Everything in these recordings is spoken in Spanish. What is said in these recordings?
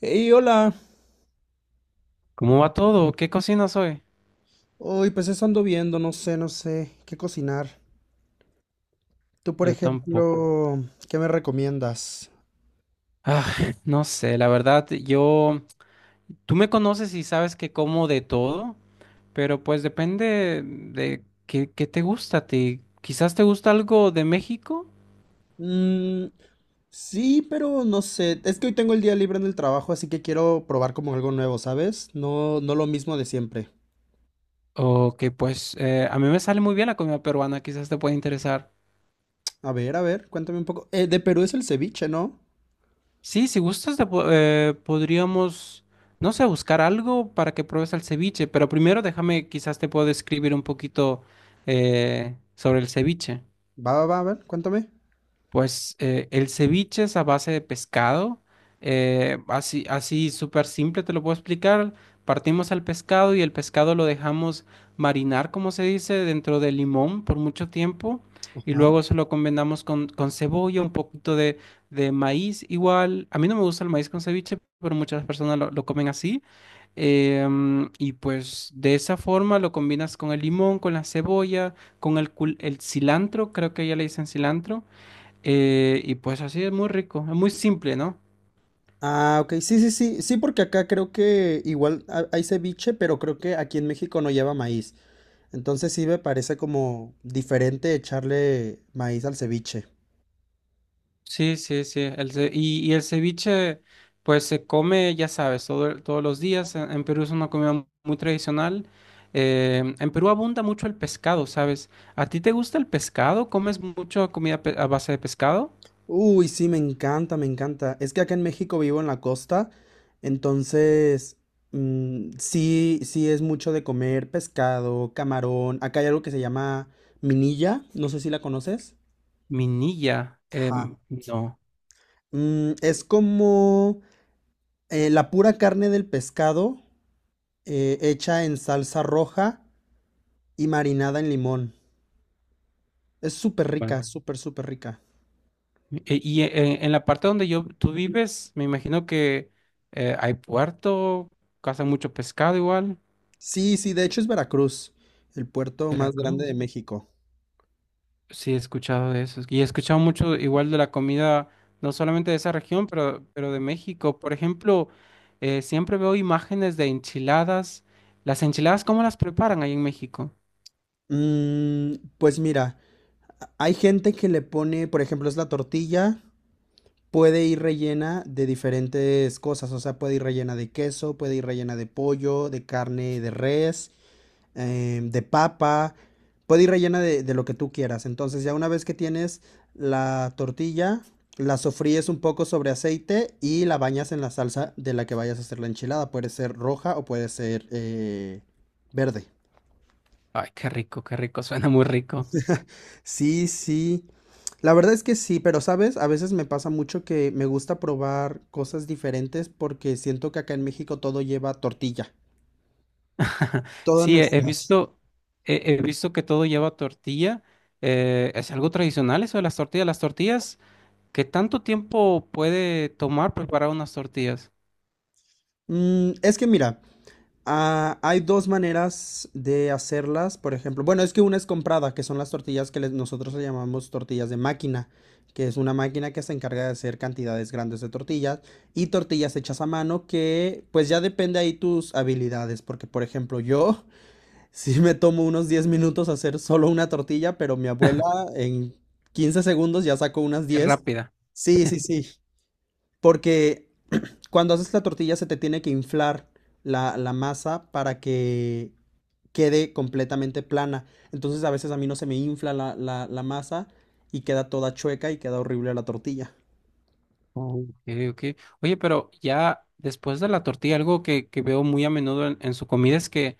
Y hola. ¿Cómo va todo? ¿Qué cocinas hoy? Uy, pues eso ando viendo, no sé qué cocinar. Tú, por Yo tampoco. ejemplo, ¿qué me recomiendas? Ah, no sé, la verdad, tú me conoces y sabes que como de todo, pero pues depende de qué te gusta a ti. Quizás te gusta algo de México Mm, sí, pero no sé. Es que hoy tengo el día libre en el trabajo, así que quiero probar como algo nuevo, ¿sabes? No, no lo mismo de siempre. o que pues a mí me sale muy bien la comida peruana, quizás te pueda interesar. A ver, cuéntame un poco. De Perú es el ceviche, ¿no? Sí, si gustas, podríamos, no sé, buscar algo para que pruebes el ceviche, pero primero déjame, quizás te puedo describir un poquito sobre el ceviche. Va, va, va, a ver, cuéntame. Pues el ceviche es a base de pescado. Así, así súper simple te lo puedo explicar. Partimos al pescado y el pescado lo dejamos marinar, como se dice, dentro de limón por mucho tiempo. Y Ajá. luego se lo combinamos con cebolla, un poquito de maíz. Igual, a mí no me gusta el maíz con ceviche, pero muchas personas lo comen así. Y pues de esa forma lo combinas con el limón, con la cebolla, con el cilantro, creo que ya le dicen cilantro. Y pues así es muy rico, es muy simple, ¿no? Ah, ok, sí, sí, sí, sí, porque acá creo que igual hay ceviche, pero creo que aquí en México no lleva maíz. Entonces sí me parece como diferente echarle maíz al ceviche. Sí, sí, sí. Y el ceviche, pues se come, ya sabes, todos los días. En Perú es una comida muy tradicional. En Perú abunda mucho el pescado, ¿sabes? ¿A ti te gusta el pescado? ¿Comes mucho comida a base de pescado? Uy, sí, me encanta, me encanta. Es que acá en México vivo en la costa, entonces mm, sí, sí es mucho de comer pescado, camarón. Acá hay algo que se llama minilla, no sé si la conoces. Minilla, Ajá. No. Es como la pura carne del pescado, hecha en salsa roja y marinada en limón. Es súper Bueno, rica, súper, súper rica. En la parte donde tú vives, me imagino que hay puerto, caza mucho pescado igual. Sí, sí, de hecho es Veracruz, el puerto más grande de Veracruz. México. Sí, he escuchado de eso. Y he escuchado mucho igual de la comida, no solamente de esa región, pero de México. Por ejemplo, siempre veo imágenes de enchiladas. ¿Las enchiladas cómo las preparan ahí en México? Pues mira, hay gente que le pone, por ejemplo, es la tortilla, puede ir rellena de diferentes cosas, o sea, puede ir rellena de queso, puede ir rellena de pollo, de carne, de res, de papa, puede ir rellena de lo que tú quieras. Entonces ya una vez que tienes la tortilla, la sofríes un poco sobre aceite y la bañas en la salsa de la que vayas a hacer la enchilada. Puede ser roja o puede ser verde. Ay, qué rico, suena muy rico. Sí, sí. La verdad es que sí, pero sabes, a veces me pasa mucho que me gusta probar cosas diferentes porque siento que acá en México todo lleva tortilla. Todas Sí, he, he nuestras. visto, he, he visto que todo lleva tortilla. ¿Es algo tradicional eso de las tortillas? ¿Las tortillas? ¿Qué tanto tiempo puede tomar preparar unas tortillas? Es que mira, hay dos maneras de hacerlas, por ejemplo. Bueno, es que una es comprada, que son las tortillas que nosotros le llamamos tortillas de máquina, que es una máquina que se encarga de hacer cantidades grandes de tortillas, y tortillas hechas a mano, que pues ya depende ahí tus habilidades, porque por ejemplo yo sí me tomo unos 10 minutos hacer solo una tortilla, pero mi abuela en 15 segundos ya sacó unas Es 10. rápida. Sí, sí, sí, porque cuando haces la tortilla se te tiene que inflar la masa para que quede completamente plana. Entonces a veces a mí no se me infla la masa y queda toda chueca y queda horrible la tortilla. Oh, ok, ok. Oye, pero ya después de la tortilla, algo que veo muy a menudo en su comida es que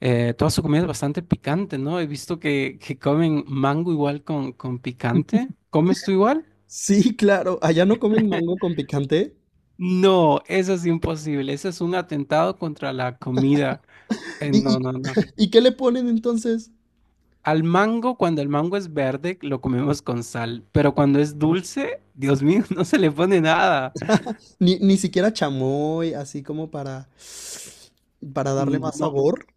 toda su comida es bastante picante, ¿no? He visto que comen mango igual con picante. ¿Comes tú igual? Sí, claro, allá no comen mango con picante. No, eso es imposible. Ese es un atentado contra la comida. ¿Y, No, y, no, no. y qué le ponen entonces? Al mango, cuando el mango es verde, lo comemos con sal, pero cuando es dulce, Dios mío, no se le pone nada. Ni siquiera chamoy, así como para darle más No. sabor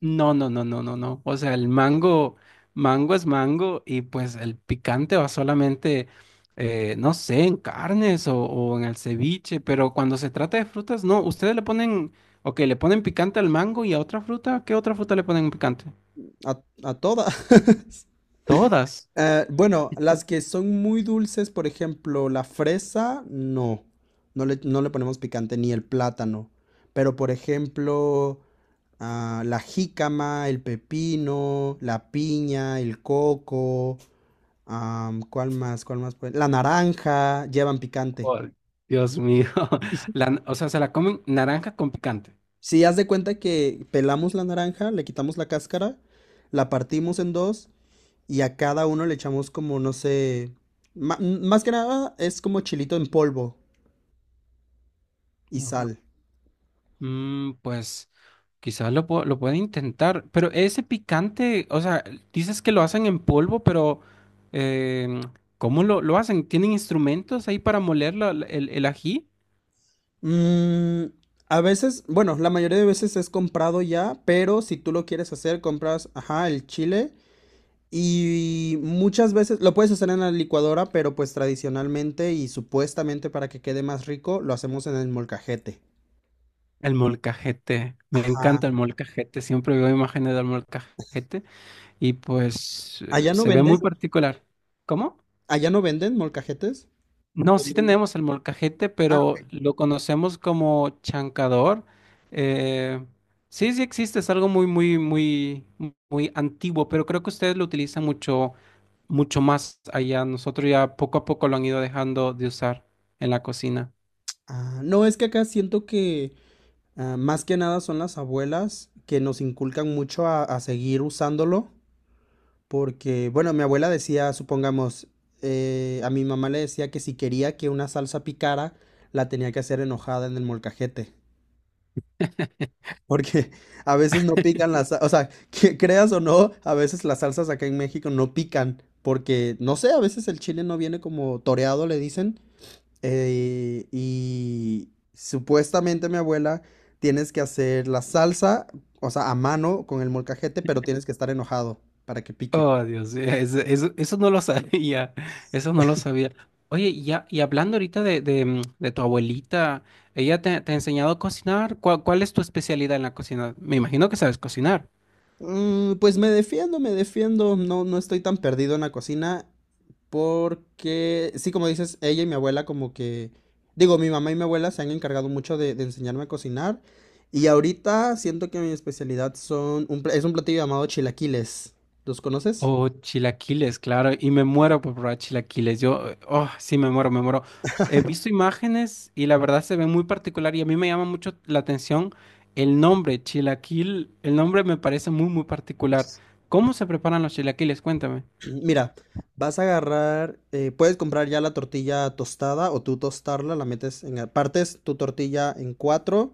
No, no, no, no, no, no. O sea, el mango, mango es mango y pues el picante va solamente, no sé, en carnes o en el ceviche, pero cuando se trata de frutas, no, ustedes le ponen, ok, le ponen picante al mango y a otra fruta, ¿qué otra fruta le ponen picante? a todas. Todas. Bueno, las que son muy dulces, por ejemplo, la fresa, no. No le ponemos picante, ni el plátano. Pero, por ejemplo, la jícama, el pepino, la piña, el coco, ¿cuál más? ¿Cuál más? La naranja, llevan picante. Oh, Dios mío. O sea, se la comen naranja con picante. Si haz de cuenta que pelamos la naranja, le quitamos la cáscara, la partimos en dos y a cada uno le echamos como, no sé, más que nada es como chilito en polvo y sal. Mm, pues quizás lo puede intentar, pero ese picante, o sea, dices que lo hacen en polvo, pero em, ¿cómo lo hacen? ¿Tienen instrumentos ahí para moler el ají? Mm, a veces, bueno, la mayoría de veces es comprado ya, pero si tú lo quieres hacer, compras, ajá, el chile, y muchas veces lo puedes hacer en la licuadora, pero pues tradicionalmente y supuestamente para que quede más rico, lo hacemos en el molcajete. El molcajete, me Ajá. encanta el molcajete, siempre veo imágenes del molcajete y pues ¿Allá no se ve venden? muy particular. ¿Cómo? ¿Allá no venden molcajetes? No, sí ¿Dónde no? tenemos el molcajete, Ah, ok. pero lo conocemos como chancador. Eh, sí, sí existe, es algo muy, muy, muy, muy antiguo, pero creo que ustedes lo utilizan mucho, mucho más allá. Nosotros ya poco a poco lo han ido dejando de usar en la cocina. Ah, no, es que acá siento que más que nada son las abuelas que nos inculcan mucho a seguir usándolo, porque, bueno, mi abuela decía, supongamos, a mi mamá le decía que si quería que una salsa picara, la tenía que hacer enojada en el molcajete, porque a veces no pican las, o sea, que creas o no, a veces las salsas acá en México no pican, porque, no sé, a veces el chile no viene como toreado, le dicen, y supuestamente mi abuela, tienes que hacer la salsa, o sea, a mano con el molcajete, pero tienes que estar enojado para que pique. Oh, Dios, eso no lo sabía, eso no lo sabía. Oye, y ya, y hablando ahorita de tu abuelita, ¿ella te ha enseñado a cocinar? ¿Cuál es tu especialidad en la cocina? Me imagino que sabes cocinar. Pues me defiendo, me defiendo. No, no estoy tan perdido en la cocina porque, sí, como dices, ella y mi abuela como que, digo, mi mamá y mi abuela se han encargado mucho de enseñarme a cocinar, y ahorita siento que mi especialidad es un platillo llamado chilaquiles. ¿Los conoces? Oh, chilaquiles, claro, y me muero por probar chilaquiles. Oh, sí, me muero, me muero. He visto imágenes y la verdad se ve muy particular y a mí me llama mucho la atención el nombre, chilaquil. El nombre me parece muy, muy particular. ¿Cómo se preparan los chilaquiles? Cuéntame. Mira, vas a agarrar, puedes comprar ya la tortilla tostada o tú tostarla, partes tu tortilla en cuatro,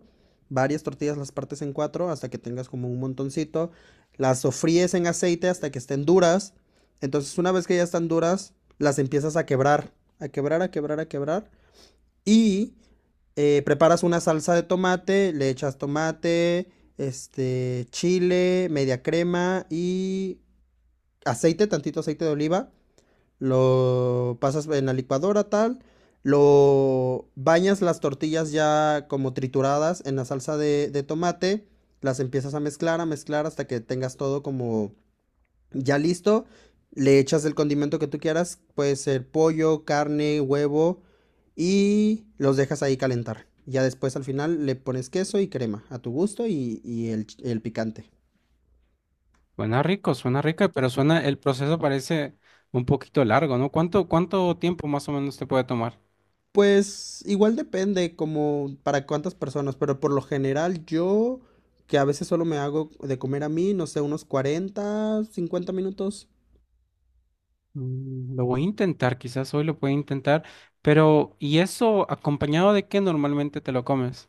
varias tortillas las partes en cuatro hasta que tengas como un montoncito, las sofríes en aceite hasta que estén duras, entonces una vez que ya están duras, las empiezas a quebrar, a quebrar, a quebrar, a quebrar, y preparas una salsa de tomate, le echas tomate, este, chile, media crema y aceite, tantito aceite de oliva, lo pasas en la licuadora tal, lo bañas las tortillas ya como trituradas en la salsa de tomate, las empiezas a mezclar hasta que tengas todo como ya listo, le echas el condimento que tú quieras, puede ser pollo, carne, huevo, y los dejas ahí calentar. Ya después al final le pones queso y crema a tu gusto y el picante. Suena rico, pero suena, el proceso parece un poquito largo, ¿no? ¿Cuánto tiempo más o menos te puede tomar? Pues igual depende como para cuántas personas, pero por lo general yo, que a veces solo me hago de comer a mí, no sé, unos 40, 50 minutos. Mm, lo voy a intentar, quizás hoy lo pueda intentar, pero ¿y eso acompañado de qué normalmente te lo comes?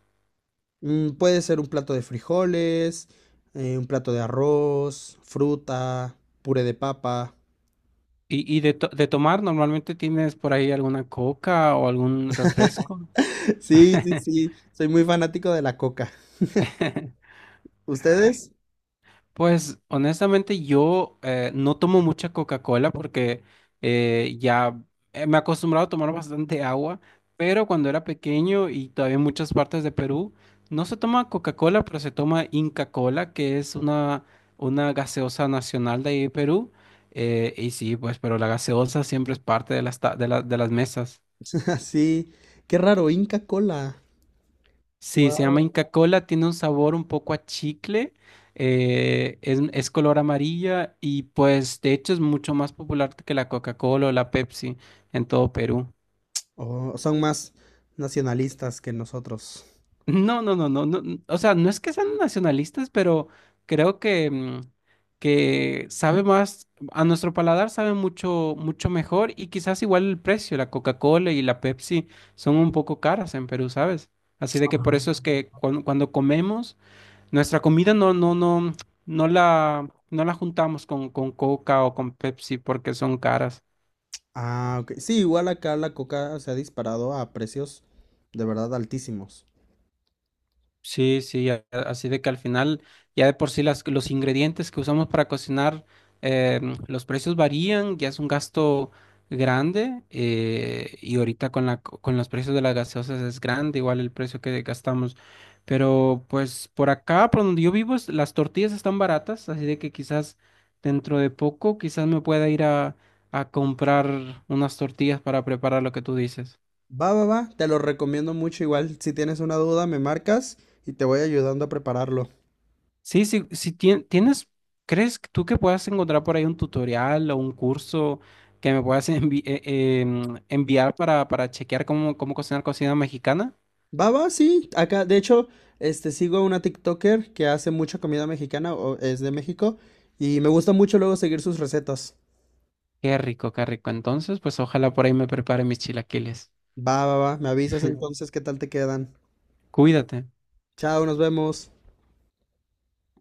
Puede ser un plato de frijoles, un plato de arroz, fruta, puré de papa. Y de tomar, normalmente tienes por ahí alguna coca o algún refresco. Sí, sí, sí, soy muy fanático de la coca. Ay, ¿Ustedes? pues honestamente yo no tomo mucha Coca-Cola porque ya me he acostumbrado a tomar bastante agua, pero cuando era pequeño y todavía en muchas partes de Perú no se toma Coca-Cola, pero se toma Inca Kola, que es una gaseosa nacional de ahí de Perú. Y sí, pues, pero la gaseosa siempre es parte de las, ta- de la- de las mesas. Sí, qué raro, Inca Cola. Sí, se llama Wow. Inca Kola, tiene un sabor un poco a chicle, es color amarilla y pues de hecho es mucho más popular que la Coca-Cola o la Pepsi en todo Perú. Oh, son más nacionalistas que nosotros. No, no, no, no, no, o sea, no es que sean nacionalistas, pero creo que sabe más, a nuestro paladar sabe mucho, mucho mejor y quizás igual el precio, la Coca-Cola y la Pepsi son un poco caras en Perú, ¿sabes? Así de que por eso es que cuando comemos. Nuestra comida no la juntamos con Coca o con Pepsi porque son caras. Ah, ok. Sí, igual acá la coca se ha disparado a precios de verdad altísimos. Sí, sí, así de que al final ya de por sí los ingredientes que usamos para cocinar, los precios varían, ya es un gasto grande y ahorita con los precios de las gaseosas es grande, igual el precio que gastamos. Pero pues por acá, por donde yo vivo, las tortillas están baratas, así de que quizás dentro de poco, quizás me pueda ir a comprar unas tortillas para preparar lo que tú dices. Va, va, va, te lo recomiendo mucho. Igual, si tienes una duda, me marcas y te voy ayudando a prepararlo. Sí, sí, si tienes, ¿crees que tú que puedas encontrar por ahí un tutorial o un curso que me puedas enviar para chequear cómo cocinar cocina mexicana? Va, va, sí. Acá, de hecho, este, sigo a una TikToker que hace mucha comida mexicana, o es de México, y me gusta mucho luego seguir sus recetas. Qué rico, qué rico. Entonces, pues ojalá por ahí me prepare mis chilaquiles. Va, va, va, me avisas entonces qué tal te quedan. Cuídate. Chao, nos vemos.